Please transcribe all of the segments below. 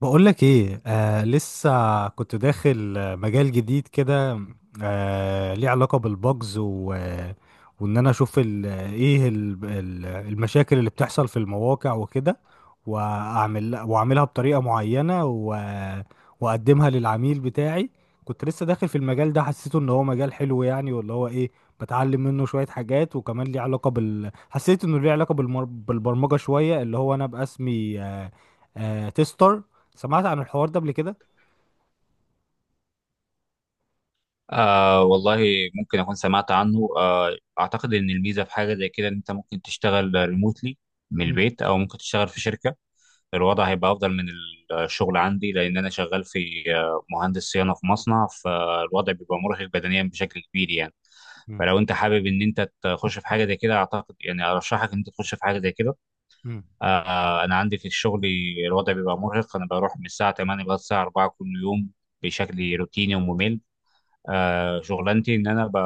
بقولك ايه، لسه كنت داخل مجال جديد كده. ليه علاقة بالبجز و وان انا اشوف ال ايه ال ال المشاكل اللي بتحصل في المواقع وكده، واعملها بطريقة معينة و واقدمها للعميل بتاعي. كنت لسه داخل في المجال ده، حسيته ان هو مجال حلو يعني، واللي هو ايه بتعلم منه شوية حاجات، وكمان ليه علاقة حسيت انه ليه علاقة بالبرمجة شوية، اللي هو انا باسمي تيستر. سمعت عن الحوار ده قبل كده؟ والله، ممكن أكون سمعت عنه. أعتقد إن الميزة في حاجة زي كده إن أنت ممكن تشتغل ريموتلي من مم. البيت، أو ممكن تشتغل في شركة. الوضع هيبقى أفضل من الشغل عندي، لأن أنا شغال في مهندس صيانة في مصنع، فالوضع بيبقى مرهق بدنيا بشكل كبير يعني. مم. فلو أنت حابب إن أنت تخش في حاجة زي كده، أعتقد يعني أرشحك إن أنت تخش في حاجة زي كده. مم. أنا عندي في الشغل الوضع بيبقى مرهق. أنا بروح من الساعة 8 لغاية الساعة 4 كل يوم بشكل روتيني وممل. شغلانتي ان انا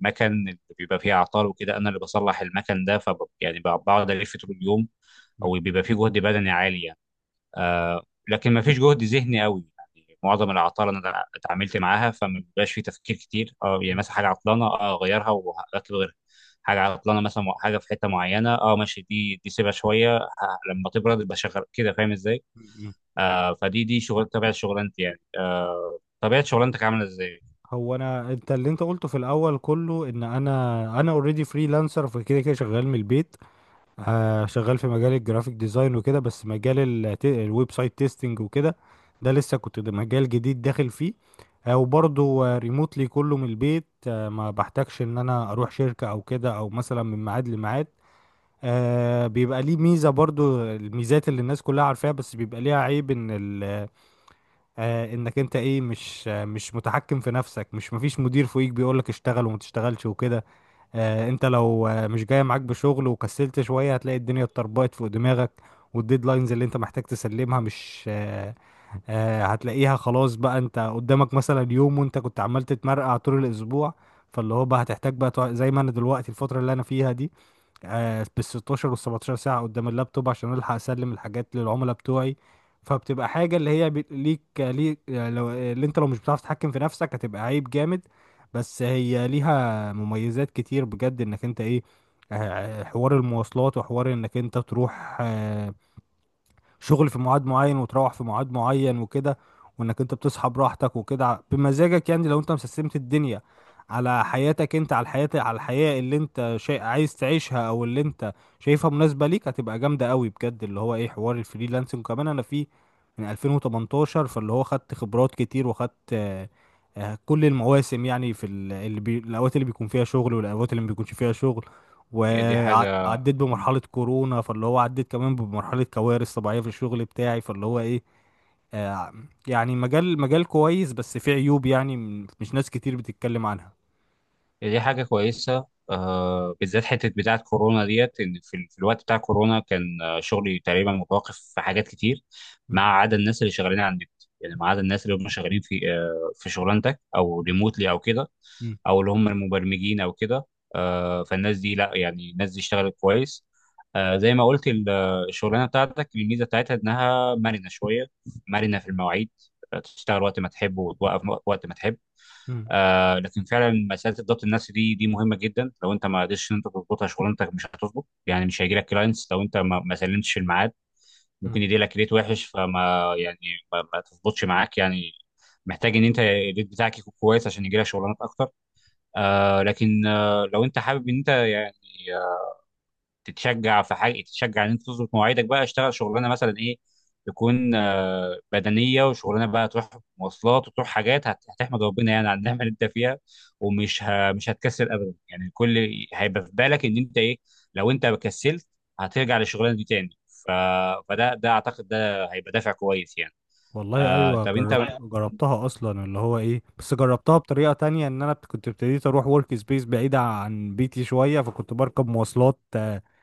المكن اللي بيبقى فيه اعطال وكده انا اللي بصلح المكن ده. بقعد الف طول اليوم، مم. او بيبقى فيه جهد بدني عالي يعني. آه، لكن ما فيش جهد ذهني قوي، يعني معظم العطال انا اتعاملت معاها، فما بيبقاش فيه تفكير كتير. اه يعني مم. مثلا حاجه عطلانه، اغيرها واطلب غيرها. حاجه عطلانه، مثلا حاجه في حته معينه، ماشي، دي سيبها شويه، لما تبرد يبقى شغال كده، فاهم ازاي؟ مم. فدي شغل، طبيعه شغلانتي يعني. طبيعه شغلانتك عامله ازاي؟ هو انا انت اللي انت قلته في الاول كله، ان انا اوريدي فريلانسر، فكده كده شغال من البيت. شغال في مجال الجرافيك ديزاين وكده، بس مجال الويب سايت تيستنج وكده، ده لسه كنت ده مجال جديد داخل فيه. وبرضه ريموتلي كله من البيت، ما بحتاجش ان انا اروح شركة او كده، او مثلا من ميعاد لميعاد. بيبقى ليه ميزة، برضو الميزات اللي الناس كلها عارفاها، بس بيبقى ليها عيب ان ال آه انك انت مش مش متحكم في نفسك، مش مفيش مدير فوقيك بيقولك اشتغل وما تشتغلش وكده. انت لو مش جاي معاك بشغل وكسلت شوية، هتلاقي الدنيا اتطربقت فوق دماغك، والديدلاينز اللي انت محتاج تسلمها مش هتلاقيها خلاص بقى انت قدامك مثلا يوم، وانت كنت عمال تتمرقع طول الاسبوع. فاللي هو بقى هتحتاج بقى زي ما انا دلوقتي الفترة اللي انا فيها دي، بالستاشر والسبعتاشر ساعة قدام اللابتوب عشان ألحق أسلم الحاجات للعملاء بتوعي. فبتبقى حاجة اللي هي ليك، لو اللي انت لو مش بتعرف تتحكم في نفسك هتبقى عيب جامد. بس هي ليها مميزات كتير بجد، انك انت ايه، حوار المواصلات، وحوار انك انت تروح شغل في ميعاد معين وتروح في ميعاد معين وكده، وانك انت بتصحى براحتك وكده بمزاجك، يعني لو انت مسستمت الدنيا على حياتك، انت على الحياة اللي انت شيء عايز تعيشها، او اللي انت شايفها مناسبة ليك، هتبقى جامدة قوي بجد، اللي هو ايه حوار الفريلانسنج. وكمان انا فيه من 2018، فاللي هو خدت خبرات كتير، وخدت كل المواسم، يعني في الاوقات اللي بيكون فيها شغل والاوقات اللي ما بيكونش فيها شغل، هي دي حاجه. وعديت مم. بمرحلة كورونا، فاللي هو عديت كمان بمرحلة كوارث طبيعية في الشغل بتاعي، فاللي هو ايه آه يعني مجال كويس، بس فيه عيوب، يعني مش ناس كتير بتتكلم عنها. دي حاجة كويسة. بالذات حتة بتاعة كورونا ديت، إن في الوقت بتاع كورونا كان شغلي تقريبا متوقف في حاجات كتير، ما مم. عدا الناس اللي شغالين على النت. يعني ما عدا الناس اللي هم شغالين في في شغلانتك أو ريموتلي أو كده، مم. أو اللي هم المبرمجين أو كده. فالناس دي، لا يعني، الناس دي اشتغلت كويس. زي ما قلت الشغلانة بتاعتك الميزة بتاعتها إنها مرنة شوية، مرنة في المواعيد. تشتغل وقت ما تحب وتوقف وقت ما تحب. مم. لكن فعلا مساله الضبط النفسي دي مهمه جدا. لو انت ما قدرتش ان انت تظبطها، شغلانتك مش هتظبط، يعني مش هيجي لك كلاينتس. لو انت ما سلمتش في الميعاد، مم. ممكن يجي لك ريت وحش، فما يعني ما تظبطش معاك يعني. محتاج ان انت الريت بتاعك يكون كويس عشان يجي لك شغلانات اكتر. لكن لو انت حابب ان انت يعني تتشجع في حاجه، تتشجع ان انت تظبط مواعيدك بقى، اشتغل شغلانه مثلا ايه، تكون بدنيه، وشغلانه بقى تروح مواصلات وتروح حاجات، هتحمد ربنا يعني على النعمه اللي انت فيها، ومش ه... مش هتكسل ابدا يعني. كل هيبقى في بالك ان انت ايه، لو انت كسلت هترجع للشغلانه دي تاني. ف... فده اعتقد ده هيبقى دافع كويس يعني. والله ايوه، طب انت، جربتها اصلا اللي هو ايه، بس جربتها بطريقة تانية، ان انا كنت ابتديت اروح ورك سبيس بعيدة عن بيتي شوية، فكنت بركب مواصلات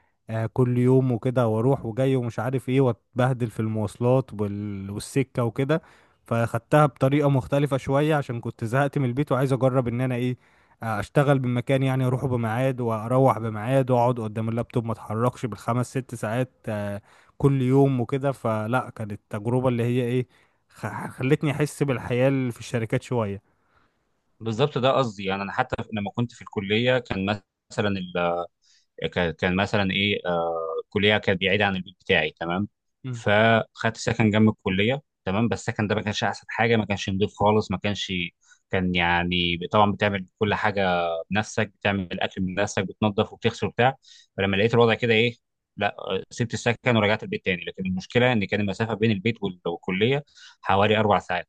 كل يوم وكده، واروح وجاي ومش عارف ايه، واتبهدل في المواصلات والسكة وكده. فاخدتها بطريقة مختلفة شوية عشان كنت زهقت من البيت، وعايز اجرب ان انا ايه، اشتغل من مكان، يعني اروحه بميعاد واروح بميعاد واقعد قدام اللابتوب ما اتحركش بالخمس ست ساعات كل يوم وكده. فلا، كانت التجربة اللي هي ايه خلتني احس بالحياة اللي في الشركات شوية. بالظبط ده قصدي، يعني انا حتى لما كنت في الكليه كان مثلا، كان مثلا ايه، كليه كانت بعيده عن البيت بتاعي تمام، مم. فخدت سكن جنب الكليه تمام. بس السكن ده ما كانش احسن حاجه، ما كانش نضيف خالص، ما كانش، كان، يعني طبعا بتعمل كل حاجه بنفسك، بتعمل الاكل بنفسك بتنظف وبتغسل وبتاع. فلما لقيت الوضع كده ايه، لا سبت السكن ورجعت البيت تاني. لكن المشكله ان كان المسافه بين البيت والكليه حوالي اربع ساعات،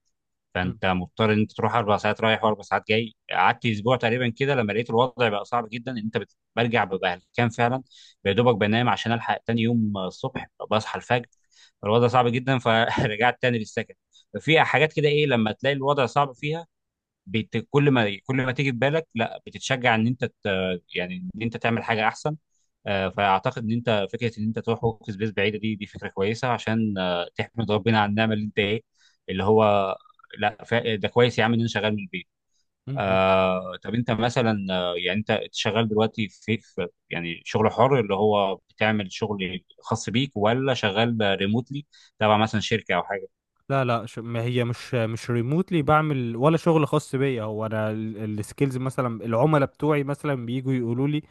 مم. فانت مضطر ان انت تروح اربع ساعات رايح واربع ساعات جاي. قعدت اسبوع تقريبا كده لما لقيت الوضع بقى صعب جدا ان انت برجع ببقى هلكان فعلا، يا دوبك بنام عشان الحق تاني يوم الصبح بصحى الفجر. الوضع صعب جدا، فرجعت تاني للسكن. ففي حاجات كده ايه لما تلاقي الوضع صعب فيها، كل ما تيجي في بالك، لا، بتتشجع ان انت يعني ان انت تعمل حاجه احسن. فاعتقد ان انت، فكره ان انت تروح ورك سبيس بعيده دي فكره كويسه عشان تحمد ربنا على النعمه اللي انت ايه، اللي هو، لا ده كويس يا عم ان انا شغال من البيت. مم. طب انت مثلا يعني انت شغال دلوقتي في يعني شغل حر، اللي هو بتعمل شغل خاص بيك ولا شغال ريموتلي تبع مثلا شركه او حاجه؟ لا، لا، ما هي مش ريموتلي بعمل، ولا شغل خاص بيا. هو انا السكيلز، مثلا العملاء بتوعي مثلا بييجوا يقولوا لي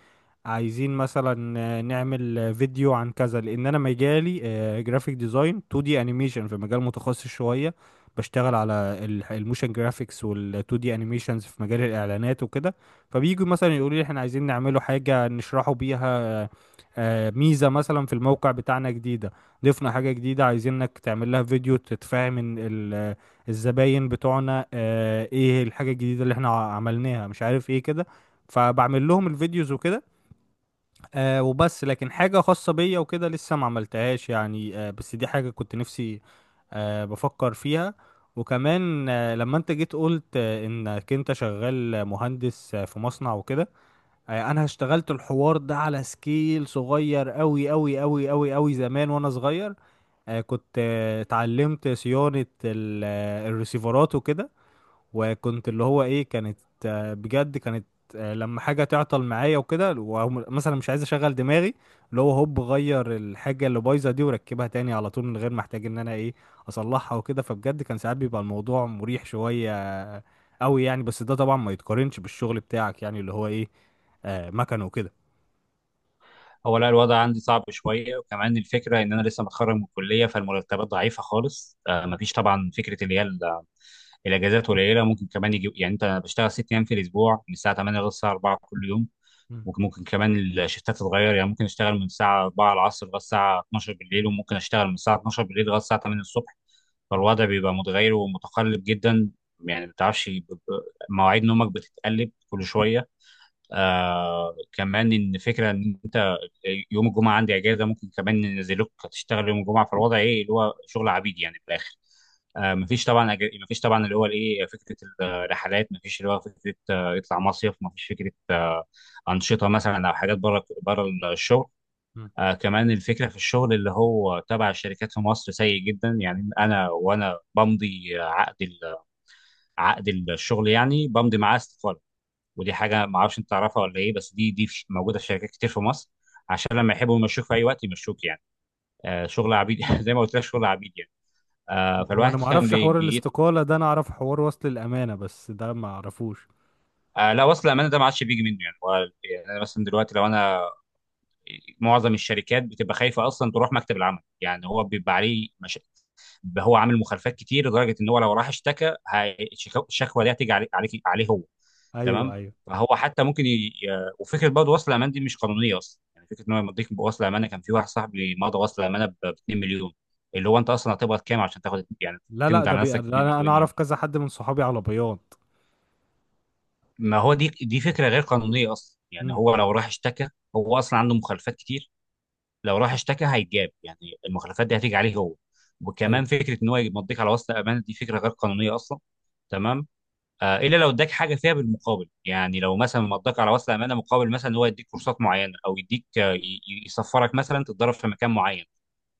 عايزين مثلا نعمل فيديو عن كذا، لان انا مجالي جرافيك ديزاين 2 دي انيميشن، في مجال متخصص شويه، بشتغل على الموشن جرافيكس وال 2 دي انيميشنز في مجال الاعلانات وكده. فبييجوا مثلا يقولوا لي احنا عايزين نعمله حاجه نشرحوا بيها ميزه مثلا في الموقع بتاعنا جديده، ضفنا حاجة جديدة عايزينك تعمل لها فيديو تتفاهم ان الزباين بتوعنا ايه الحاجة الجديدة اللي احنا عملناها، مش عارف ايه كده. فبعمل لهم الفيديوز وكده. وبس، لكن حاجة خاصة بيا وكده لسه ما عملتهاش يعني، بس دي حاجة كنت نفسي بفكر فيها. وكمان لما انت جيت قلت انك انت شغال مهندس في مصنع وكده، انا اشتغلت الحوار ده على سكيل صغير قوي قوي قوي قوي قوي زمان وانا صغير. كنت اتعلمت صيانة الريسيفرات وكده، وكنت اللي هو ايه كانت بجد كانت لما حاجة تعطل معايا وكده، ومثلا مش عايز اشغل دماغي، اللي هو هوب غير الحاجة اللي بايظة دي وركبها تاني على طول، من غير ما احتاج ان انا ايه اصلحها وكده، فبجد كان ساعات بيبقى الموضوع مريح شوية آه، قوي يعني. بس ده طبعا ما يتقارنش بالشغل بتاعك، يعني اللي هو ايه مكن وكده. هو لا، الوضع عندي صعب شويه، وكمان الفكره ان انا لسه متخرج من الكليه، فالمرتبات ضعيفه خالص. مفيش طبعا فكره، اللي هي الاجازات قليله. ممكن كمان يجي يعني، انت بشتغل ست ايام في الاسبوع من الساعه 8 للساعه 4 كل يوم. مم. ممكن كمان الشيفتات تتغير، يعني ممكن اشتغل من الساعه 4 العصر لغايه الساعه 12 بالليل، وممكن اشتغل من الساعه 12 بالليل لغايه الساعه 8 الصبح. مم. فالوضع بيبقى متغير ومتقلب جدا، يعني ما بتعرفش، مواعيد نومك بتتقلب كل شويه. كمان ان فكره ان انت يوم الجمعه عندي اجازه، ممكن كمان ننزلوك تشتغل يوم الجمعه. في الوضع ايه اللي هو شغل عبيد يعني في الاخر. مفيش طبعا، اللي هو الايه، فكره الرحلات مفيش، اللي هو فكره يطلع مصيف مفيش، فكره انشطه مثلا او حاجات بره بره الشغل. كمان الفكره في الشغل اللي هو تبع الشركات في مصر سيء جدا. يعني انا وانا بمضي عقد عقد الشغل، يعني بمضي معاه استقاله. ودي حاجه ما اعرفش انت تعرفها ولا ايه، بس دي موجوده في شركات كتير في مصر، عشان لما يحبوا يمشوك في اي وقت يمشوك يعني. شغل عبيد زي ما مم. قلت لك، شغل عبيد يعني. هو انا فالواحد ما كان اعرفش بي, حوار بي الاستقالة ده، انا اعرف حوار وصل الامانة، بس ده ما اعرفوش. لا، وصل الامانه ده ما عادش بيجي منه يعني. هو، يعني انا مثلا دلوقتي لو انا، معظم الشركات بتبقى خايفه اصلا تروح مكتب العمل، يعني هو بيبقى عليه مش... هو عامل مخالفات كتير، لدرجه ان هو لو راح اشتكى الشكوى دي هتيجي عليه هو. ايوه، تمام. ايوه. فهو حتى ممكن وفكره برضه، وصل امان دي مش قانونيه اصلا، يعني فكره ان هو يمضيك بوصل امانه. كان في واحد صاحبي مضى وصل امانه ب 2 مليون. اللي هو انت اصلا هتقبض كام عشان تاخد يعني، لا، لا، تمضي ده على نفسك 2 انا مليون اعرف يعني. كذا حد من صحابي على بياض. ما هو دي فكره غير قانونيه اصلا. يعني امم. هو لو راح اشتكى، هو اصلا عنده مخالفات كتير. لو راح اشتكى هيتجاب يعني، المخالفات دي هتيجي عليه هو. ايوه. وكمان فكره ان هو يمضيك على وصل امانه دي فكره غير قانونيه اصلا. تمام. الا لو اداك حاجه فيها بالمقابل، يعني لو مثلا مضاك على وصل امانه مقابل مثلا إن هو يديك كورسات معينه، او يديك يسفرك مثلا تتدرب في مكان معين.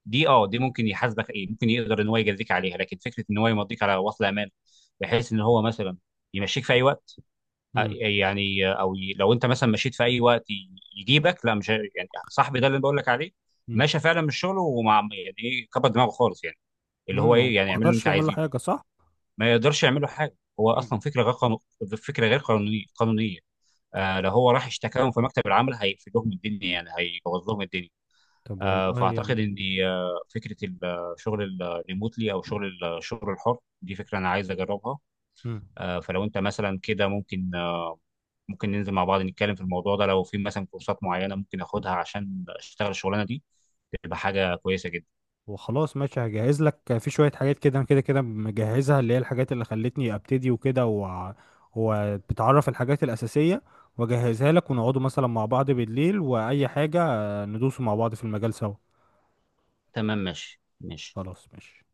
دي ممكن يحاسبك ايه، ممكن يقدر ان هو يجازيك عليها. لكن فكره ان هو يمضيك على وصل امانه بحيث ان هو مثلا يمشيك في اي وقت، امم. يعني او لو انت مثلا مشيت في اي وقت يجيبك، لا مش يعني صاحبي ده اللي أنا بقول لك عليه، امم. ماشي فعلا من شغله، ومع يعني ايه، كبر دماغه خالص يعني، اللي هو امم. هو ايه، يعني ما اعمل اللي اقدرش انت يعمل له عايزه. حاجة، صح؟ ما يقدرش يعمل له حاجه، هو امم. اصلا فكره غير قانونيه. لو هو راح اشتكاهم في مكتب العمل هيقفل لهم الدنيا، يعني هيبوظ لهم الدنيا. طب والله فاعتقد ان يعني. فكره الشغل الريموتلي او شغل الشغل الحر دي، فكره انا عايز اجربها. امم. فلو انت مثلا كده ممكن ممكن ننزل مع بعض نتكلم في الموضوع ده. لو في مثلا كورسات معينه ممكن اخدها عشان اشتغل الشغلانه دي، تبقى حاجه كويسه جدا. وخلاص ماشي، هجهز لك في شوية حاجات، كده كده كده مجهزها، اللي هي الحاجات اللي خلتني ابتدي وكده وبتعرف الحاجات الأساسية، واجهزها لك، ونقعدوا مثلا مع بعض بالليل وأي حاجة، ندوسوا مع بعض في المجال سوا. تمام، ماشي ماشي. خلاص ماشي.